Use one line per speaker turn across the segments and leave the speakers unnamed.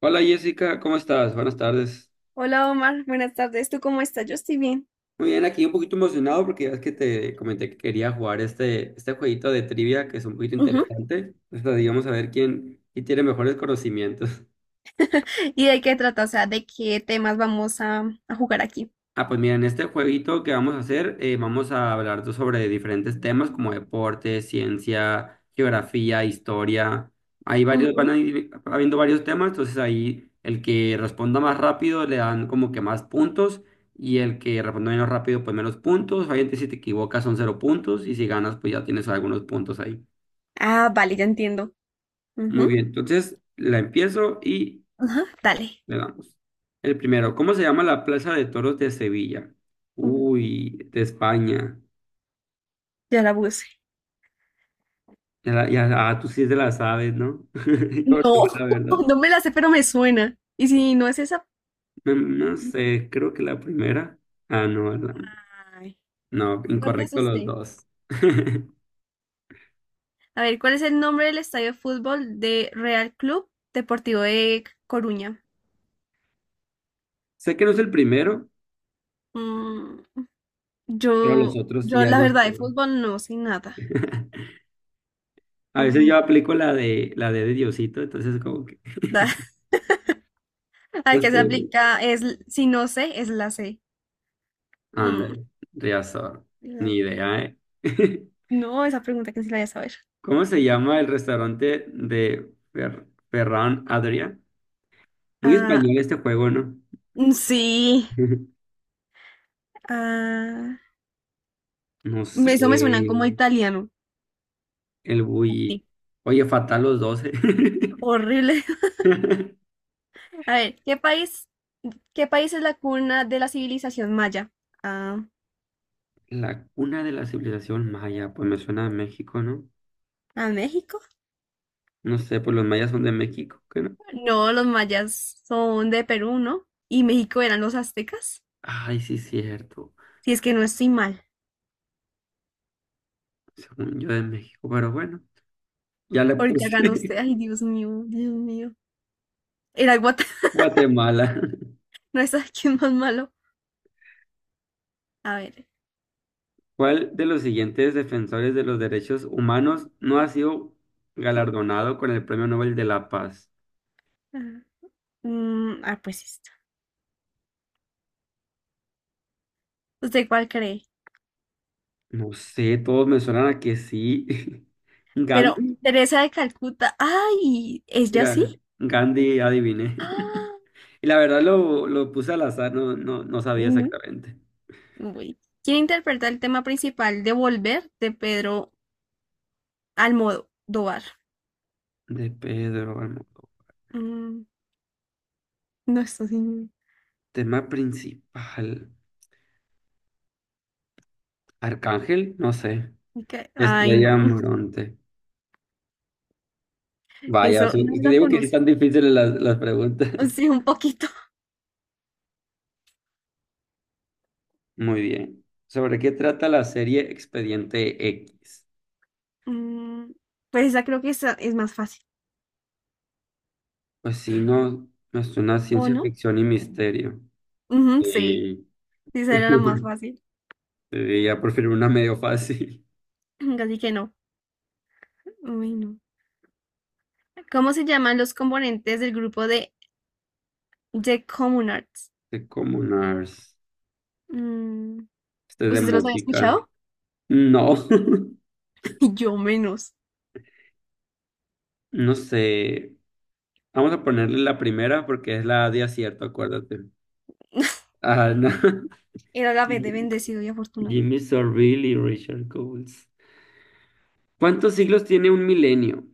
Hola Jessica, ¿cómo estás? Buenas tardes.
Hola Omar, buenas tardes. ¿Tú cómo estás? Yo estoy bien.
Muy bien, aquí un poquito emocionado porque ya es que te comenté que quería jugar este jueguito de trivia que es un poquito
Ujú.
interesante. Entonces, digamos a ver quién tiene mejores conocimientos.
¿Y de qué trata? O sea, ¿de qué temas vamos a jugar aquí?
Ah, pues mira, en este jueguito que vamos a hacer, vamos a hablar sobre diferentes temas como deporte, ciencia, geografía, historia. Hay varios, van a
Ujú.
ir habiendo varios temas, entonces ahí el que responda más rápido le dan como que más puntos y el que responda menos rápido pues menos puntos. Obviamente si te equivocas son cero puntos y si ganas pues ya tienes algunos puntos ahí.
Ah, vale, ya entiendo.
Muy
Ujú.
bien, entonces la empiezo y
Ajá, dale.
le damos. El primero, ¿cómo se llama la Plaza de Toros de Sevilla?
Mm,
Uy, de España.
ya la puse.
Tú sí te la sabes, ¿no? Yo no,
No,
la verdad.
no me la sé, pero me suena. ¿Y si no es esa?
No, no sé, creo que la primera. Ah, no, la-
Ay,
no,
¿cuál puso
incorrecto los
usted?
dos.
A ver, ¿cuál es el nombre del estadio de fútbol de Real Club Deportivo de Coruña?
Sé que no es el primero,
Mm,
pero los
yo,
otros sí
yo
ya
la
no
verdad de
sé.
fútbol no sé nada.
A veces yo
Coruña.
aplico la de la de Diosito, entonces como que
La
no
que se
sé. Güey.
aplica es, si no sé, es la C. Mm,
Ándale, Riazor,
la-
ni idea, ¿eh?
No, esa pregunta que sí la voy a saber.
¿Cómo se llama el restaurante de Ferran Adrià? Muy
Ah,
español este juego, ¿no?
sí. Ah,
No sé.
eso me suena como italiano.
El bully.
Sí.
Oye, fatal los 12.
Horrible. A ver, ¿qué país es la cuna de la civilización maya? Ah,
La cuna de la civilización maya, pues me suena a México, ¿no?
¿a México?
No sé, pues los mayas son de México, ¿qué no?
No, los mayas son de Perú, ¿no? Y México eran los aztecas.
Ay, sí, cierto.
Si es que no estoy mal.
Según yo de México, pero bueno, ya le
Ahorita
puse
gana usted. Ay, Dios mío, Dios mío. Era Guatemala.
Guatemala.
No es aquí más malo. A ver.
¿Cuál de los siguientes defensores de los derechos humanos no ha sido galardonado con el Premio Nobel de la Paz?
Ajá. Pues esta. ¿Usted cuál cree?
No sé, todos me suenan a que sí.
Pero
Gandhi,
Teresa de Calcuta. ¡Ay! Es ¿Ella sí?
mira, Gandhi, adiviné.
¡Ah!
Y la verdad lo puse al azar, no sabía
No.
exactamente.
Uy. ¿Quién interpreta el tema principal de Volver de Pedro Almodóvar?
De Pedro Almodóvar.
Mm, no, esto sí.
Tema principal. Arcángel, no sé.
Ay, no.
Estrella Morente. Vaya,
Eso no
es que
lo
digo que sí
conozco.
están difíciles las preguntas.
Sí, un poquito.
Muy bien. ¿Sobre qué trata la serie Expediente X?
Mm, pues esa creo que esa es más fácil.
Pues sí, no, no es una
¿O
ciencia
no?
ficción y misterio.
Ujú, sí.
Sí.
Sí, esa era la más fácil.
Sí, ya prefiero una medio fácil.
Casi que no. Uy, no. ¿Cómo se llaman los componentes del grupo de The Common Arts?
De Comunars.
Mm,
Este es de
¿Usted los había
música.
escuchado?
No.
Yo menos.
No sé, vamos a ponerle la primera porque es la de acierto, acuérdate. Ah, no.
Era la vez de bendecido y afortunado.
Jimmy Savile y Richard Coles. ¿Cuántos siglos tiene un milenio?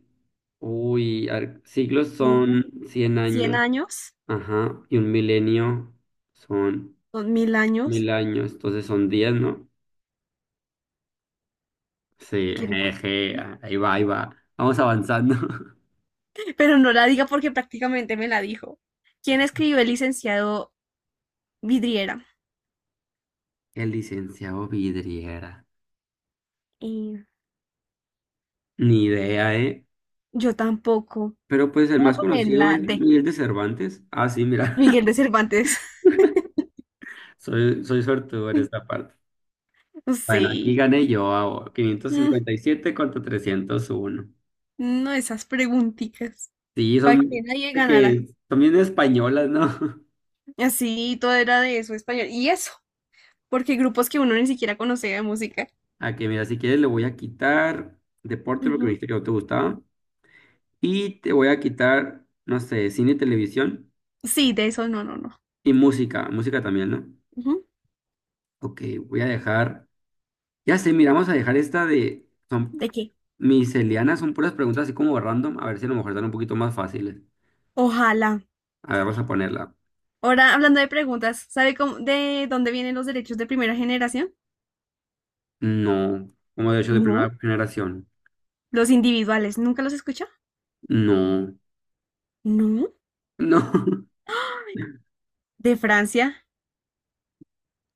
Uy, a ver, siglos
Mira,
son 100
Cien
años,
años,
ajá, y un milenio son
2.000 años.
mil años, entonces son 10, ¿no? Sí,
quiere-
jeje, ahí va, ahí va. Vamos avanzando.
Pero no la diga porque prácticamente me la dijo. ¿Quién escribió el licenciado Vidriera?
El licenciado Vidriera.
Y
Ni idea, ¿eh?
yo tampoco.
Pero pues el
Voy a
más
poner
conocido
la
es
D.
Miguel de Cervantes. Ah, sí, mira,
Miguel de Cervantes.
soy suertudo en esta parte. Bueno, aquí
Sí.
gané yo, ah,
Mm,
557 contra 301.
No esas preguntitas.
Sí,
Para que
son,
nadie ganara.
que son bien españolas, ¿no?
Así todo era de eso español. Y eso. Porque grupos que uno ni siquiera conocía de música.
Aquí, mira, si quieres le voy a quitar deporte porque me
Ujú.
dijiste que no te gustaba. Y te voy a quitar, no sé, cine y televisión.
Sí, de eso no.
Y música, música también, ¿no?
Ujú.
Ok, voy a dejar. Ya sé, mira, vamos a dejar esta de. Son
¿De qué?
Mis Elianas son puras preguntas así como random, a ver si a lo mejor están un poquito más fáciles.
Ojalá.
A ver, vamos a ponerla.
Ahora, hablando de preguntas, ¿sabe cómo, de dónde vienen los derechos de primera generación?
No, como de hecho de
No.
primera generación.
Los individuales, ¿nunca los escuchó?
No,
No.
no.
De Francia.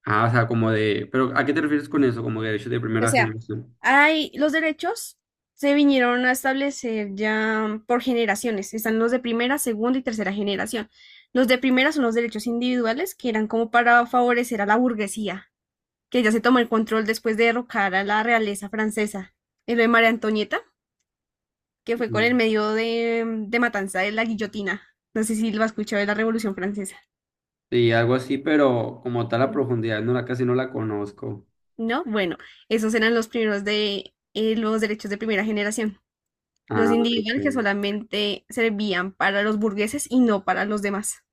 Ah, o sea, como de, pero ¿a qué te refieres con eso? Como derechos de
O
primera
sea,
generación.
hay los derechos se vinieron a establecer ya por generaciones. Están los de primera, segunda y tercera generación. Los de primera son los derechos individuales, que eran como para favorecer a la burguesía, que ella se tomó el control después de derrocar a la realeza francesa. Y lo de María Antonieta, que fue con el
Mm.
medio de matanza de la guillotina. No sé si lo has escuchado de la Revolución Francesa.
Sí, algo así, pero como tal la profundidad, no la casi no la conozco.
¿No? Bueno, esos eran los primeros de los derechos de primera generación.
Ah,
Los individuales que
ok.
solamente servían para los burgueses y no para los demás.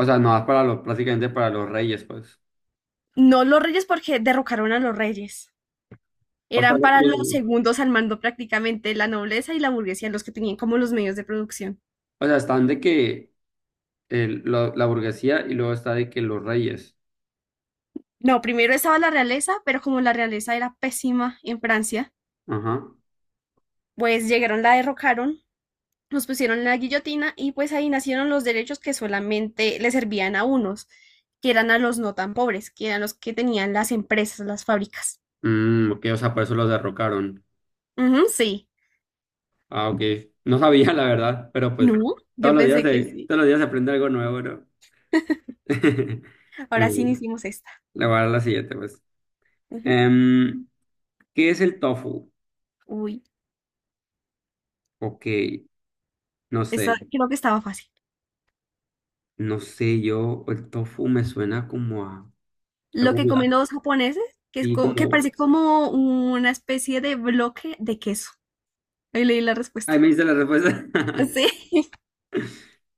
O sea, no, es para los, prácticamente para los reyes, pues.
No los reyes porque derrocaron a los reyes.
O sea,
Eran para los segundos al mando, prácticamente la nobleza y la burguesía, los que tenían como los medios de producción.
o sea, están de que la burguesía y luego está de que los reyes.
No, primero estaba la realeza, pero como la realeza era pésima en Francia,
Ajá.
pues llegaron, la derrocaron, nos pusieron en la guillotina y pues ahí nacieron los derechos que solamente le servían a unos, que eran a los no tan pobres, que eran los que tenían las empresas, las fábricas.
Mm, ok, o sea, por eso los derrocaron.
Ujú, sí.
Ah, ok. No sabía, la verdad, pero pues
No,
todos
yo
los días
pensé que sí.
todos los días se aprende algo nuevo, ¿no?
Ahora sí
Bueno,
hicimos esta.
le voy a dar la siguiente, pues.
Ujú.
Em, ¿Qué es el tofu?
Uy,
Ok, no
esta
sé,
creo que estaba fácil.
no sé, yo, el tofu me suena como a
Lo
algo
que comen
blanco,
los japoneses,
sí,
que
como,
parece como una especie de bloque de queso. Ahí leí la respuesta.
ay, me dice la respuesta,
Sí.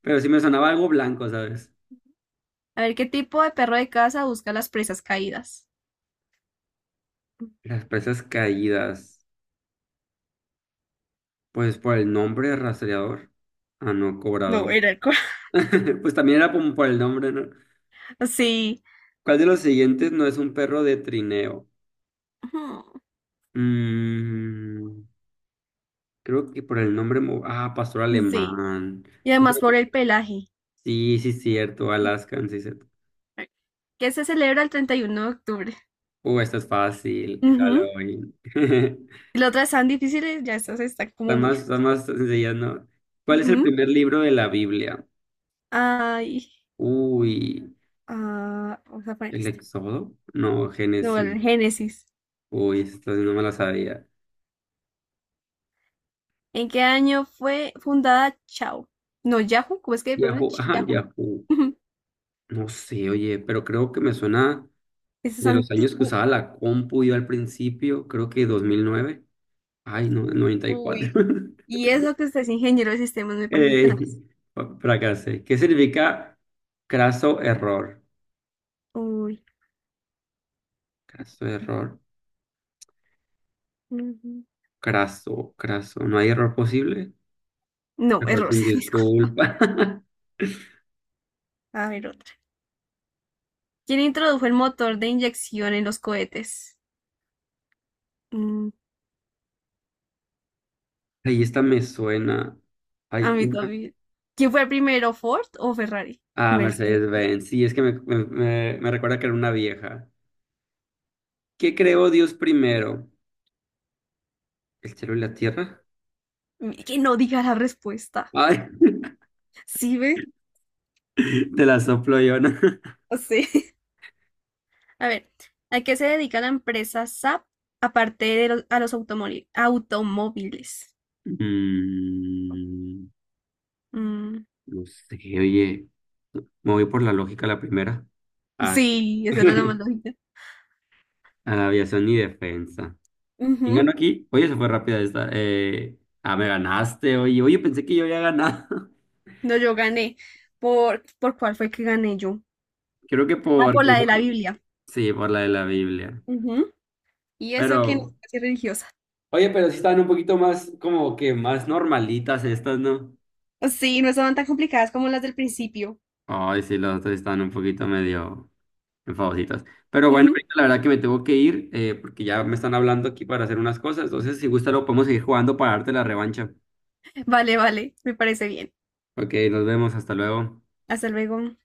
pero sí me sonaba algo blanco, ¿sabes?
A ver qué tipo de perro de casa busca las presas caídas.
Las presas caídas, pues por el nombre rastreador, ah, no,
No,
cobrador.
era el cual.
Pues también era como por el nombre, ¿no?
Sí.
¿Cuál de los siguientes no es un perro de trineo?
Ujú.
Mm, creo que por el nombre. Ah, pastor
Sí.
alemán.
Y además por el pelaje.
Sí, sí, cierto. Alaskan, sí, cierto.
¿Qué se celebra el 31 de octubre?
Esta es fácil.
Ujú.
Halloween.
Y las otras están difíciles, ya estas están como muy
Las
fáciles.
más sencillas, ¿no? ¿Cuál es el
Ujú.
primer libro de la Biblia?
Ay,
Uy,
ah, vamos a poner
¿el
este.
Éxodo? No,
No,
Génesis.
el Génesis.
Uy, esta sí no me la sabía.
¿En qué año fue fundada Chao? No, Yahoo, ¿cómo es que
Yahoo,
pronuncia?
ajá,
Yahoo.
Yahoo.
Ujú.
No sé, oye, pero creo que me suena.
Eso es
De los años que
antiguo.
usaba la compu yo al principio, creo que 2009. Ay, no, 94.
Uy. Y eso que usted es ingeniero de sistemas me parece
Eh,
tenaz.
fracasé. ¿Qué significa craso error?
Uy.
Craso error.
Ujú.
Craso. ¿No hay error posible?
No,
Error
error,
sin
disculpa.
disculpa.
A ver, otra. ¿Quién introdujo el motor de inyección en los cohetes? Mm,
Ahí esta me suena. Hay
a mí
una.
también. ¿Quién fue primero, Ford o Ferrari?
Ah,
Mercedes.
Mercedes-Benz. Sí, es que me recuerda que era una vieja. ¿Qué creó Dios primero? ¿El cielo y la tierra?
Que no diga la respuesta.
Ay,
¿Sí ve?
te la soplo yo, ¿no?
No sé. A ver, ¿a qué se dedica la empresa SAP aparte de a los automóviles?
Mm,
Mm,
no sé, oye, me voy por la lógica la primera. A,
sí, esa era la más lógica.
a la aviación y defensa. ¿Quién ganó
Ujú.
aquí? Oye, se fue rápida esta. Me ganaste, oye. Oye, pensé que yo había ganado.
No, yo gané. ¿Por cuál fue que gané yo?
Creo que
Ah,
por...
por la de la Biblia.
Sí, por la de la Biblia.
Ujú. Y eso que no
Pero...
soy religiosa.
Oye, pero sí están un poquito más, como que más normalitas estas, ¿no?
Sí, no estaban tan complicadas como las del principio.
Ay, sí, las otras sí están un poquito medio... en favoritas. Pero bueno,
Ujú.
ahorita la verdad que me tengo que ir porque ya me están hablando aquí para hacer unas cosas. Entonces, si gusta, lo podemos seguir jugando para darte la revancha.
Vale, vale, me parece bien.
Ok, nos vemos, hasta luego.
Hasta luego.